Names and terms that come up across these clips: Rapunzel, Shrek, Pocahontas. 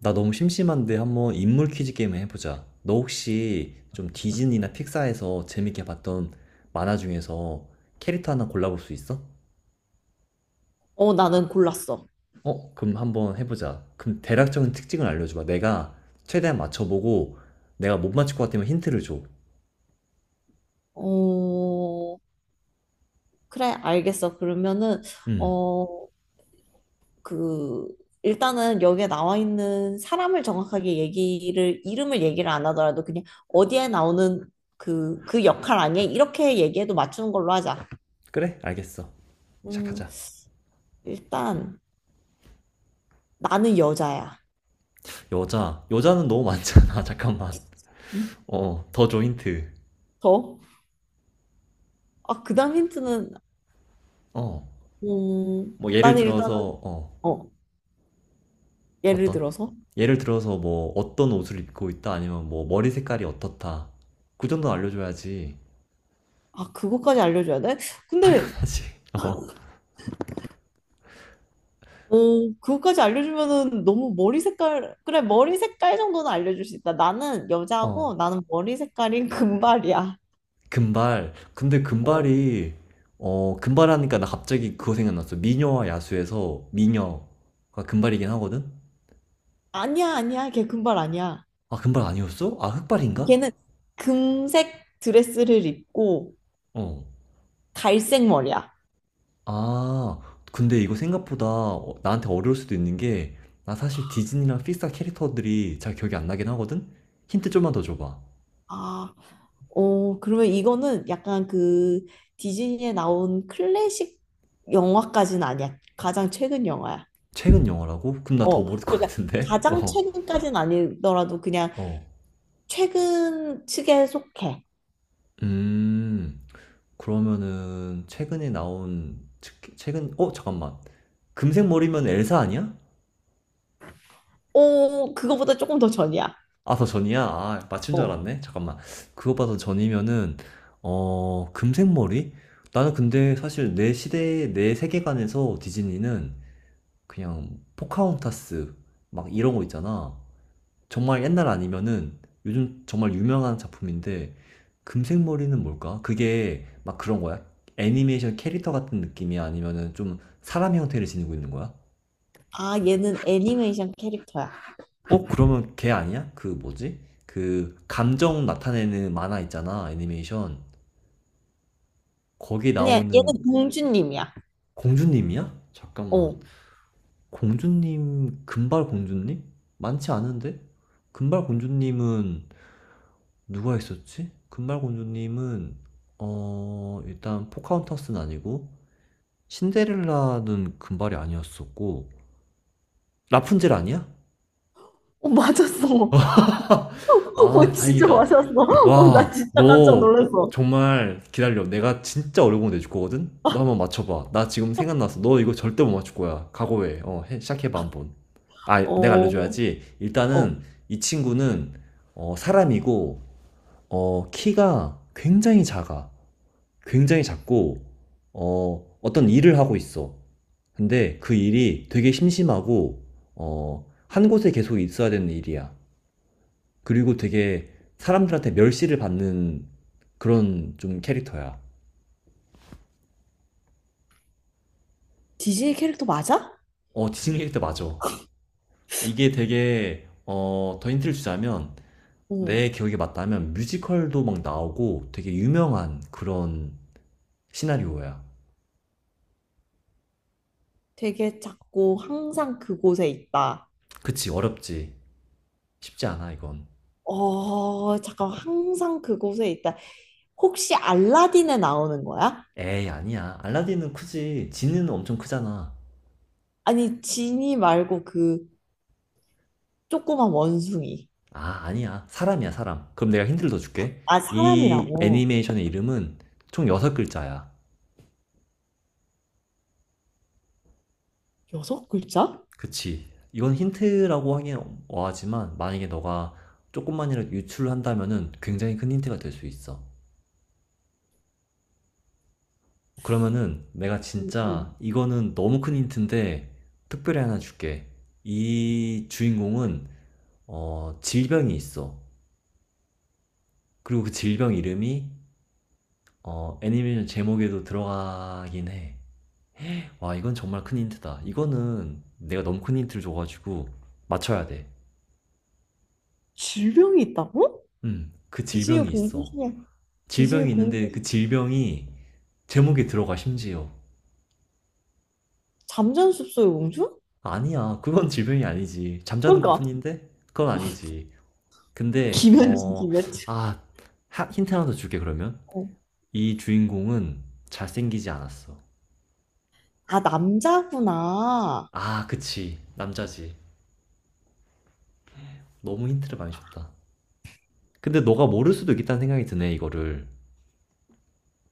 나 너무 심심한데 한번 인물 퀴즈 게임을 해보자. 너 혹시 좀 디즈니나 픽사에서 재밌게 봤던 만화 중에서 캐릭터 하나 골라볼 수 있어? 나는 골랐어. 그럼 한번 해보자. 그럼 대략적인 특징을 알려줘봐. 내가 최대한 맞춰보고 내가 못 맞출 것 같으면 힌트를 줘. 어, 그래, 알겠어. 그러면은, 음, 어, 그, 일단은 여기에 나와 있는 사람을 정확하게 얘기를, 이름을 얘기를 안 하더라도 그냥 어디에 나오는 그 역할 아니야? 이렇게 얘기해도 맞추는 걸로 하자. 그래? 알겠어. 음, 시작하자. 일단, 나는 여자야. 여자. 여자는 너무 많잖아. 잠깐만. 음, 더 줘 힌트. 더? 아, 그 다음 힌트는, 어, 예를 나는 일단은, 들어서, 어, 예를 어떤? 들어서? 예를 들어서 뭐 어떤 옷을 입고 있다 아니면 뭐 머리 색깔이 어떻다. 그 정도 알려줘야지. 아, 그것까지 알려줘야 돼? 근데 당연하지. 어. 오, 그거까지 알려주면은 너무 머리 색깔, 그래, 머리 색깔 정도는 알려줄 수 있다. 나는 어. 여자고 나는 머리 색깔이 금발이야. 금발. 근데 어. 금발이 어 금발하니까 나 갑자기 그거 생각났어. 미녀와 야수에서 미녀가 금발이긴 하거든. 아니야. 걔 금발 아니야. 아 금발 아니었어? 아 흑발인가? 걔는 금색 드레스를 입고 어. 갈색 머리야. 아 근데 이거 생각보다 나한테 어려울 수도 있는 게 나 사실 디즈니랑 픽사 캐릭터들이 잘 기억이 안 나긴 하거든. 힌트 좀만 더 줘봐. 아, 어, 그러면 이거는 약간 그 디즈니에 나온 클래식 영화까지는 아니야. 가장 최근 영화야. 최근 영화라고? 그럼 나 더 어, 모를 것 그러니까 같은데? 가장 어, 최근까지는 아니더라도 그냥 어. 최근 측에 속해. 음, 그러면은 최근에 나온, 최근, 어, 잠깐만. 금색 머리면 엘사 아니야? 오, 그거보다 조금 더 전이야. 아, 더 전이야? 아, 맞춘 줄 어. 알았네? 잠깐만. 그거보다 더 전이면은, 어, 금색 머리? 나는 근데 사실 내 시대, 내 세계관에서 디즈니는 그냥 포카혼타스, 막 이런 거 있잖아. 정말 옛날 아니면은 요즘 정말 유명한 작품인데 금색 머리는 뭘까? 그게 막 그런 거야? 애니메이션 캐릭터 같은 느낌이 아니면은 좀 사람 형태를 지니고 있는 거야? 아, 얘는 애니메이션 캐릭터야. 그러면 걔 아니야? 그 뭐지? 그 감정 나타내는 만화 있잖아, 애니메이션. 거기 아니야, 나오는 얘는 공주님이야. 공주님이야? 잠깐만. 어. 공주님, 금발 공주님? 많지 않은데? 금발 공주님은 누가 있었지? 금발공주님은 어 일단 포카혼타스는 아니고 신데렐라는 금발이 아니었었고 라푼젤 아니야? 어, 맞았어. 어, 아 진짜 다행이다. 맞았어. 어, 나 와 진짜 깜짝 너 놀랐어. 정말 기다려. 내가 진짜 어려운 거 내줄 거거든. 너 한번 맞춰봐. 나 지금 생각났어. 너 이거 절대 못 맞출 거야. 각오해. 시작해봐 한번. 아 내가 어, 알려줘야지. 일단은 어. 이 친구는 어 사람이고 어 키가 굉장히 작아. 굉장히 작고, 어, 어떤 일을 하고 있어. 근데 그 일이 되게 심심하고, 어, 한 곳에 계속 있어야 되는 일이야. 그리고 되게 사람들한테 멸시를 받는 그런 좀 캐릭터야. 디즈니 캐릭터 맞아? 어, 디즈니 캐릭터 맞아. 이게 되게, 어, 더 힌트를 주자면, 어. 내 기억이 맞다면 뮤지컬도 막 나오고 되게 유명한 그런 시나리오야. 되게 작고 항상 그곳에 있다. 그치, 어렵지. 쉽지 않아, 이건. 어, 잠깐, 항상 그곳에 있다. 혹시 알라딘에 나오는 거야? 에이, 아니야. 알라딘은 크지. 지는 엄청 크잖아. 아니, 지니 말고 그 조그만 원숭이. 아, 아니야. 사람이야, 사람. 그럼 내가 힌트를 더 줄게. 아, 이 사람이라고. 애니메이션의 이름은 총 6글자야. 여섯 글자? 그치. 이건 힌트라고 하긴 어하지만, 만약에 너가 조금만이라도 유출을 한다면은 굉장히 큰 힌트가 될 수 있어. 그러면은 내가 음, 진짜 음. 이거는 너무 큰 힌트인데, 특별히 하나 줄게. 이 주인공은, 어, 질병이 있어. 그리고 그 질병 이름이, 어, 애니메이션 제목에도 들어가긴 해. 와, 이건 정말 큰 힌트다. 이거는 내가 너무 큰 힌트를 줘가지고 맞춰야 돼. 질병이 있다고? 그 DJ의 질병이 공주 있어. 중에 DJ의 질병이 공주 있는데 그 질병이 제목에 들어가 심지어. 잠자는 숲속의 공주? 아니야, 그건 질병이 아니지. 잠자는 그러니까 것뿐인데? 그건 아니지. 근데, 김현진 어, 김현진 아, 힌트 하나 더 줄게, 그러면. 어. 이 주인공은 잘생기지 않았어. 아 남자구나. 아, 그치. 남자지. 너무 힌트를 많이 줬다. 근데 너가 모를 수도 있겠다는 생각이 드네, 이거를.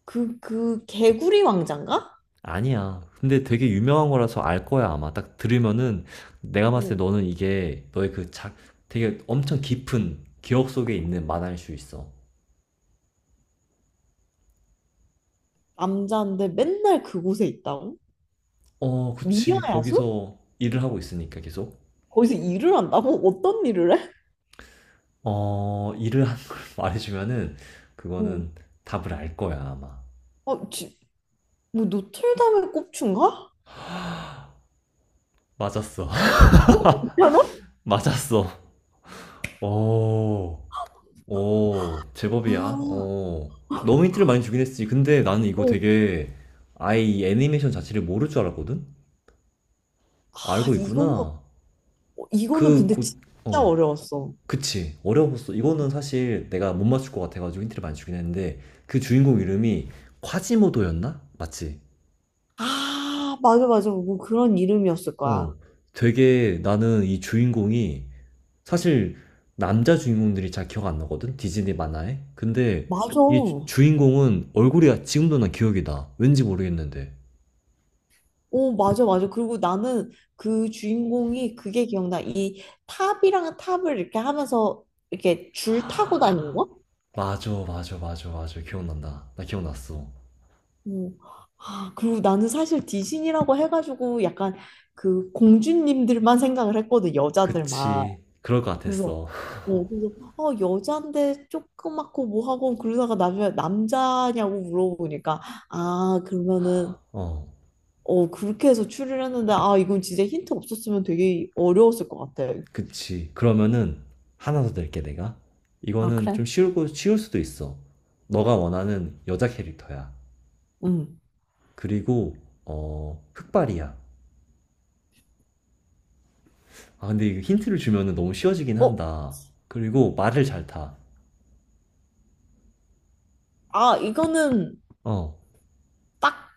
그 개구리 왕자인가? 아니야. 근데 되게 유명한 거라서 알 거야, 아마. 딱 들으면은 내가 봤을 어, 때 너는 이게 너의 그 작, 되게 엄청 깊은 기억 속에 있는 만화일 수 있어. 남자인데 맨날 그곳에 있다고? 어, 그치. 미녀야수? 거기서 일을 하고 있으니까 계속. 거기서 일을 한다고? 어떤 일을 해? 어, 일을 하는 걸 말해주면은 어. 그거는 답을 알 거야, 아마. 어, 지, 뭐 노틀담의 꼽춘가? 맞았어. 괜찮아? 맞았어. 오, 오, 제법이야. 아, 오. 너무 힌트를 많이 주긴 했지. 근데 나는 이거 어. 되게 아예 이 애니메이션 자체를 모를 줄 알았거든? 아 알고 이거는 있구나. 어, 이거는 그, 근데 곧, 진짜 어, 어려웠어. 그치. 어려웠어. 이거는 사실 내가 못 맞출 것 같아가지고 힌트를 많이 주긴 했는데, 그 주인공 이름이 콰지모도였나? 맞지? 맞아. 뭐 그런 이름이었을 어, 거야. 되게 나는 이 주인공이, 사실 남자 주인공들이 잘 기억 안 나거든? 디즈니 만화에? 근데 맞아. 이 주인공은 얼굴이 지금도 난 기억이 나. 왠지 모르겠는데. 오, 맞아. 그리고 나는 그 주인공이 그게 기억나. 이 탑이랑 탑을 이렇게 하면서 이렇게 줄 타고 다니는 거? 맞아, 맞아, 맞아, 맞아. 기억난다. 나 기억났어. 어. 아, 그리고 나는 사실 디신이라고 해가지고 약간 그 공주님들만 생각을 했거든, 여자들만. 그치. 그럴 것 그래서, 같았어. 어, 그래서, 어, 여잔데 조그맣고 뭐하고 그러다가 나중에 남자냐고 물어보니까, 아, 그러면은 어. 어, 그렇게 해서 추리를 했는데, 아, 이건 진짜 힌트 없었으면 되게 어려웠을 것 같아. 그치. 그러면은 하나 더 낼게 내가. 아, 이거는 그래? 좀 쉬우고 쉬울 수도 있어. 너가 원하는 여자 캐릭터야. 응. 그리고 어 흑발이야. 아 근데 이거 힌트를 주면은 너무 쉬워지긴 어, 한다. 그리고 말을 잘 타. 아, 이거는 어. 딱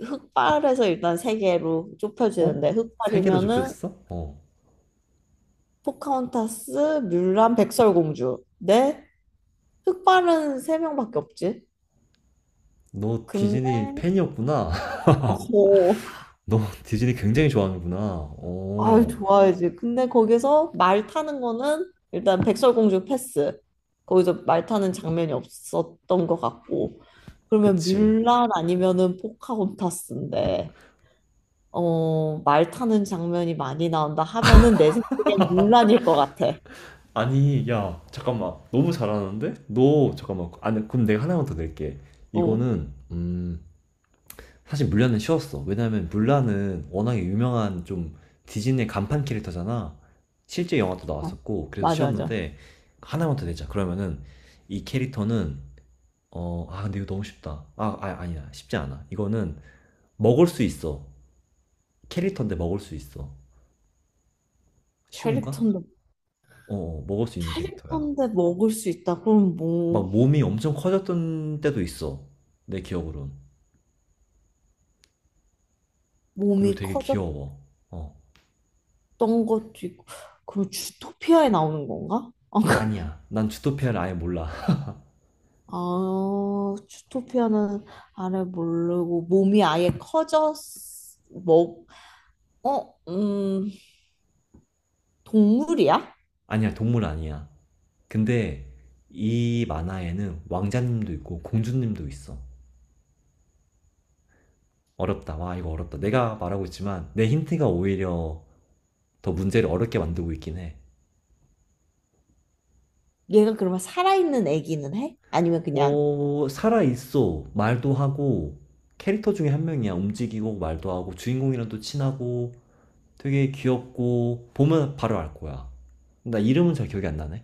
흑발에서 일단 세 개로 어? 좁혀지는데, 세 개로 흑발이면은 좁혀졌어? 어. 포카혼타스, 뮬란, 백설공주. 네? 흑발은 세 명밖에 없지. 너 근데, 디즈니 팬이었구나. 어, 너 디즈니 굉장히 좋아하는구나. 아유, 어. 좋아야지. 근데 거기서 말 타는 거는 일단 백설공주 패스. 거기서 말 타는 장면이 없었던 것 같고. 그러면 그치. 물란 아니면은 포카혼타스인데, 어, 말 타는 장면이 많이 나온다 하면은 내 생각엔 물란일 것 같아. 아니 야 잠깐만 너무 잘하는데 너 잠깐만 아니 그럼 내가 하나만 더 낼게 어, 이거는 사실 물란은 쉬웠어 왜냐면 물란은 워낙에 유명한 좀 디즈니의 간판 캐릭터잖아 실제 영화도 아, 나왔었고 그래서 맞아. 쉬웠는데 하나만 더 내자 그러면은 이 캐릭터는 어아 근데 이거 너무 쉽다 아, 아 아니야 쉽지 않아 이거는 먹을 수 있어 캐릭터인데 먹을 수 있어 쉬운가? 캐릭터인데, 어 어, 먹을 수 있는 캐릭터야 캐릭터인데 먹을 수 있다. 그럼 뭐, 막 몸이 엄청 커졌던 때도 있어. 내 기억으론. 그리고 몸이 되게 커졌던 귀여워. 어. 것도 있고, 그럼 주토피아에 나오는 건가? 아니야. 난 주토피아를 아예 몰라. 아, 주토피아는 아래 모르고 몸이 아예 커졌 뭐, 어, 동물이야? 아니야. 동물 아니야. 근데 이 만화에는 왕자님도 있고 공주님도 있어. 어렵다. 와, 이거 어렵다. 내가 말하고 있지만 내 힌트가 오히려 더 문제를 어렵게 만들고 있긴 해. 얘가 그러면 살아있는 애기는 해? 아니면 그냥 어, 살아있어. 말도 하고, 캐릭터 중에 한 명이야. 움직이고, 말도 하고, 주인공이랑 또 친하고, 되게 귀엽고 보면 바로 알 거야. 나 이름은 잘 기억이 안 나네.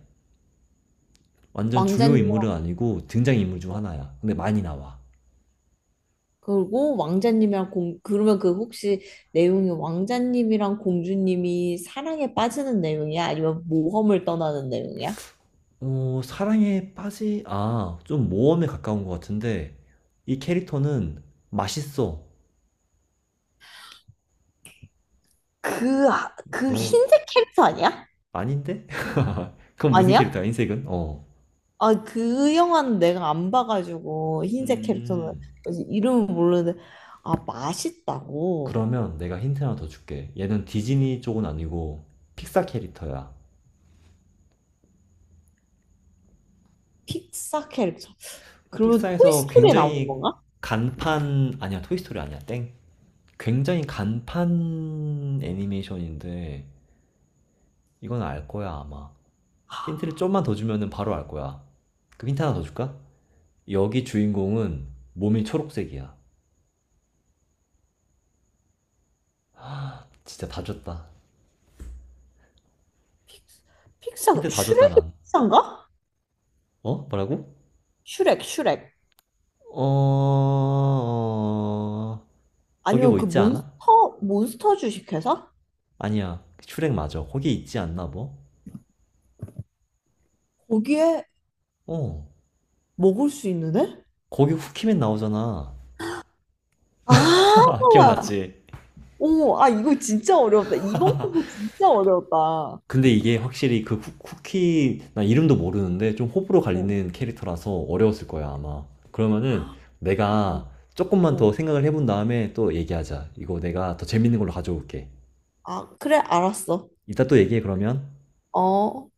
완전 주요 왕자님 인물은 아니고 등장 인물 중 하나야. 근데 많이 나와. 그리고 왕자님이랑 공 그러면 그 혹시 내용이 왕자님이랑 공주님이 사랑에 빠지는 내용이야? 아니면 모험을 떠나는 내용이야? 좀 모험에 가까운 것 같은데 이 캐릭터는 맛있어. 그 너 흰색 캐릭터 아니야? 아닌데? 그건 무슨 아니야? 캐릭터야? 흰색은? 어. 아, 그 영화는 내가 안 봐가지고 흰색 캐릭터는 음. 그래서 이름은 모르는데 아 맛있다고 그러면 내가 힌트 하나 더 줄게. 얘는 디즈니 쪽은 아니고 픽사 캐릭터야. 픽사 캐릭터 그러면 픽사에서 토이스토리에 나오는 굉장히 건가? 간판 아니야 토이스토리 아니야 땡 굉장히 간판 애니메이션인데 이건 알 거야 아마 힌트를 좀만 더 주면은 바로 알 거야 그 힌트 하나 더 줄까? 여기 주인공은 몸이 초록색이야 진짜 다 줬다 픽사 힌트 다 줬다 슈렉이 난 픽사인가? 어? 뭐라고? 슈렉 어... 어, 거기 아니면 뭐 그 있지 않아? 몬스터 주식회사? 아니야 슈렉 맞아 거기 있지 않나 뭐? 거기에 어 먹을 수 있는 애? 거기 후키맨 나오잖아 아, 기억났지? 어머, 아 이거 진짜 어려웠다. 이번 거 진짜 어려웠다. 어, 근데 이게 확실히 그 쿠키 나 이름도 모르는데 좀 호불호 갈리는 캐릭터라서 어려웠을 거야 아마 그러면은 아, 어, 내가 조금만 더 어. 생각을 해본 다음에 또 얘기하자 이거 내가 더 재밌는 걸로 가져올게 아 그래 알았어. 이따 또 얘기해 그러면 어.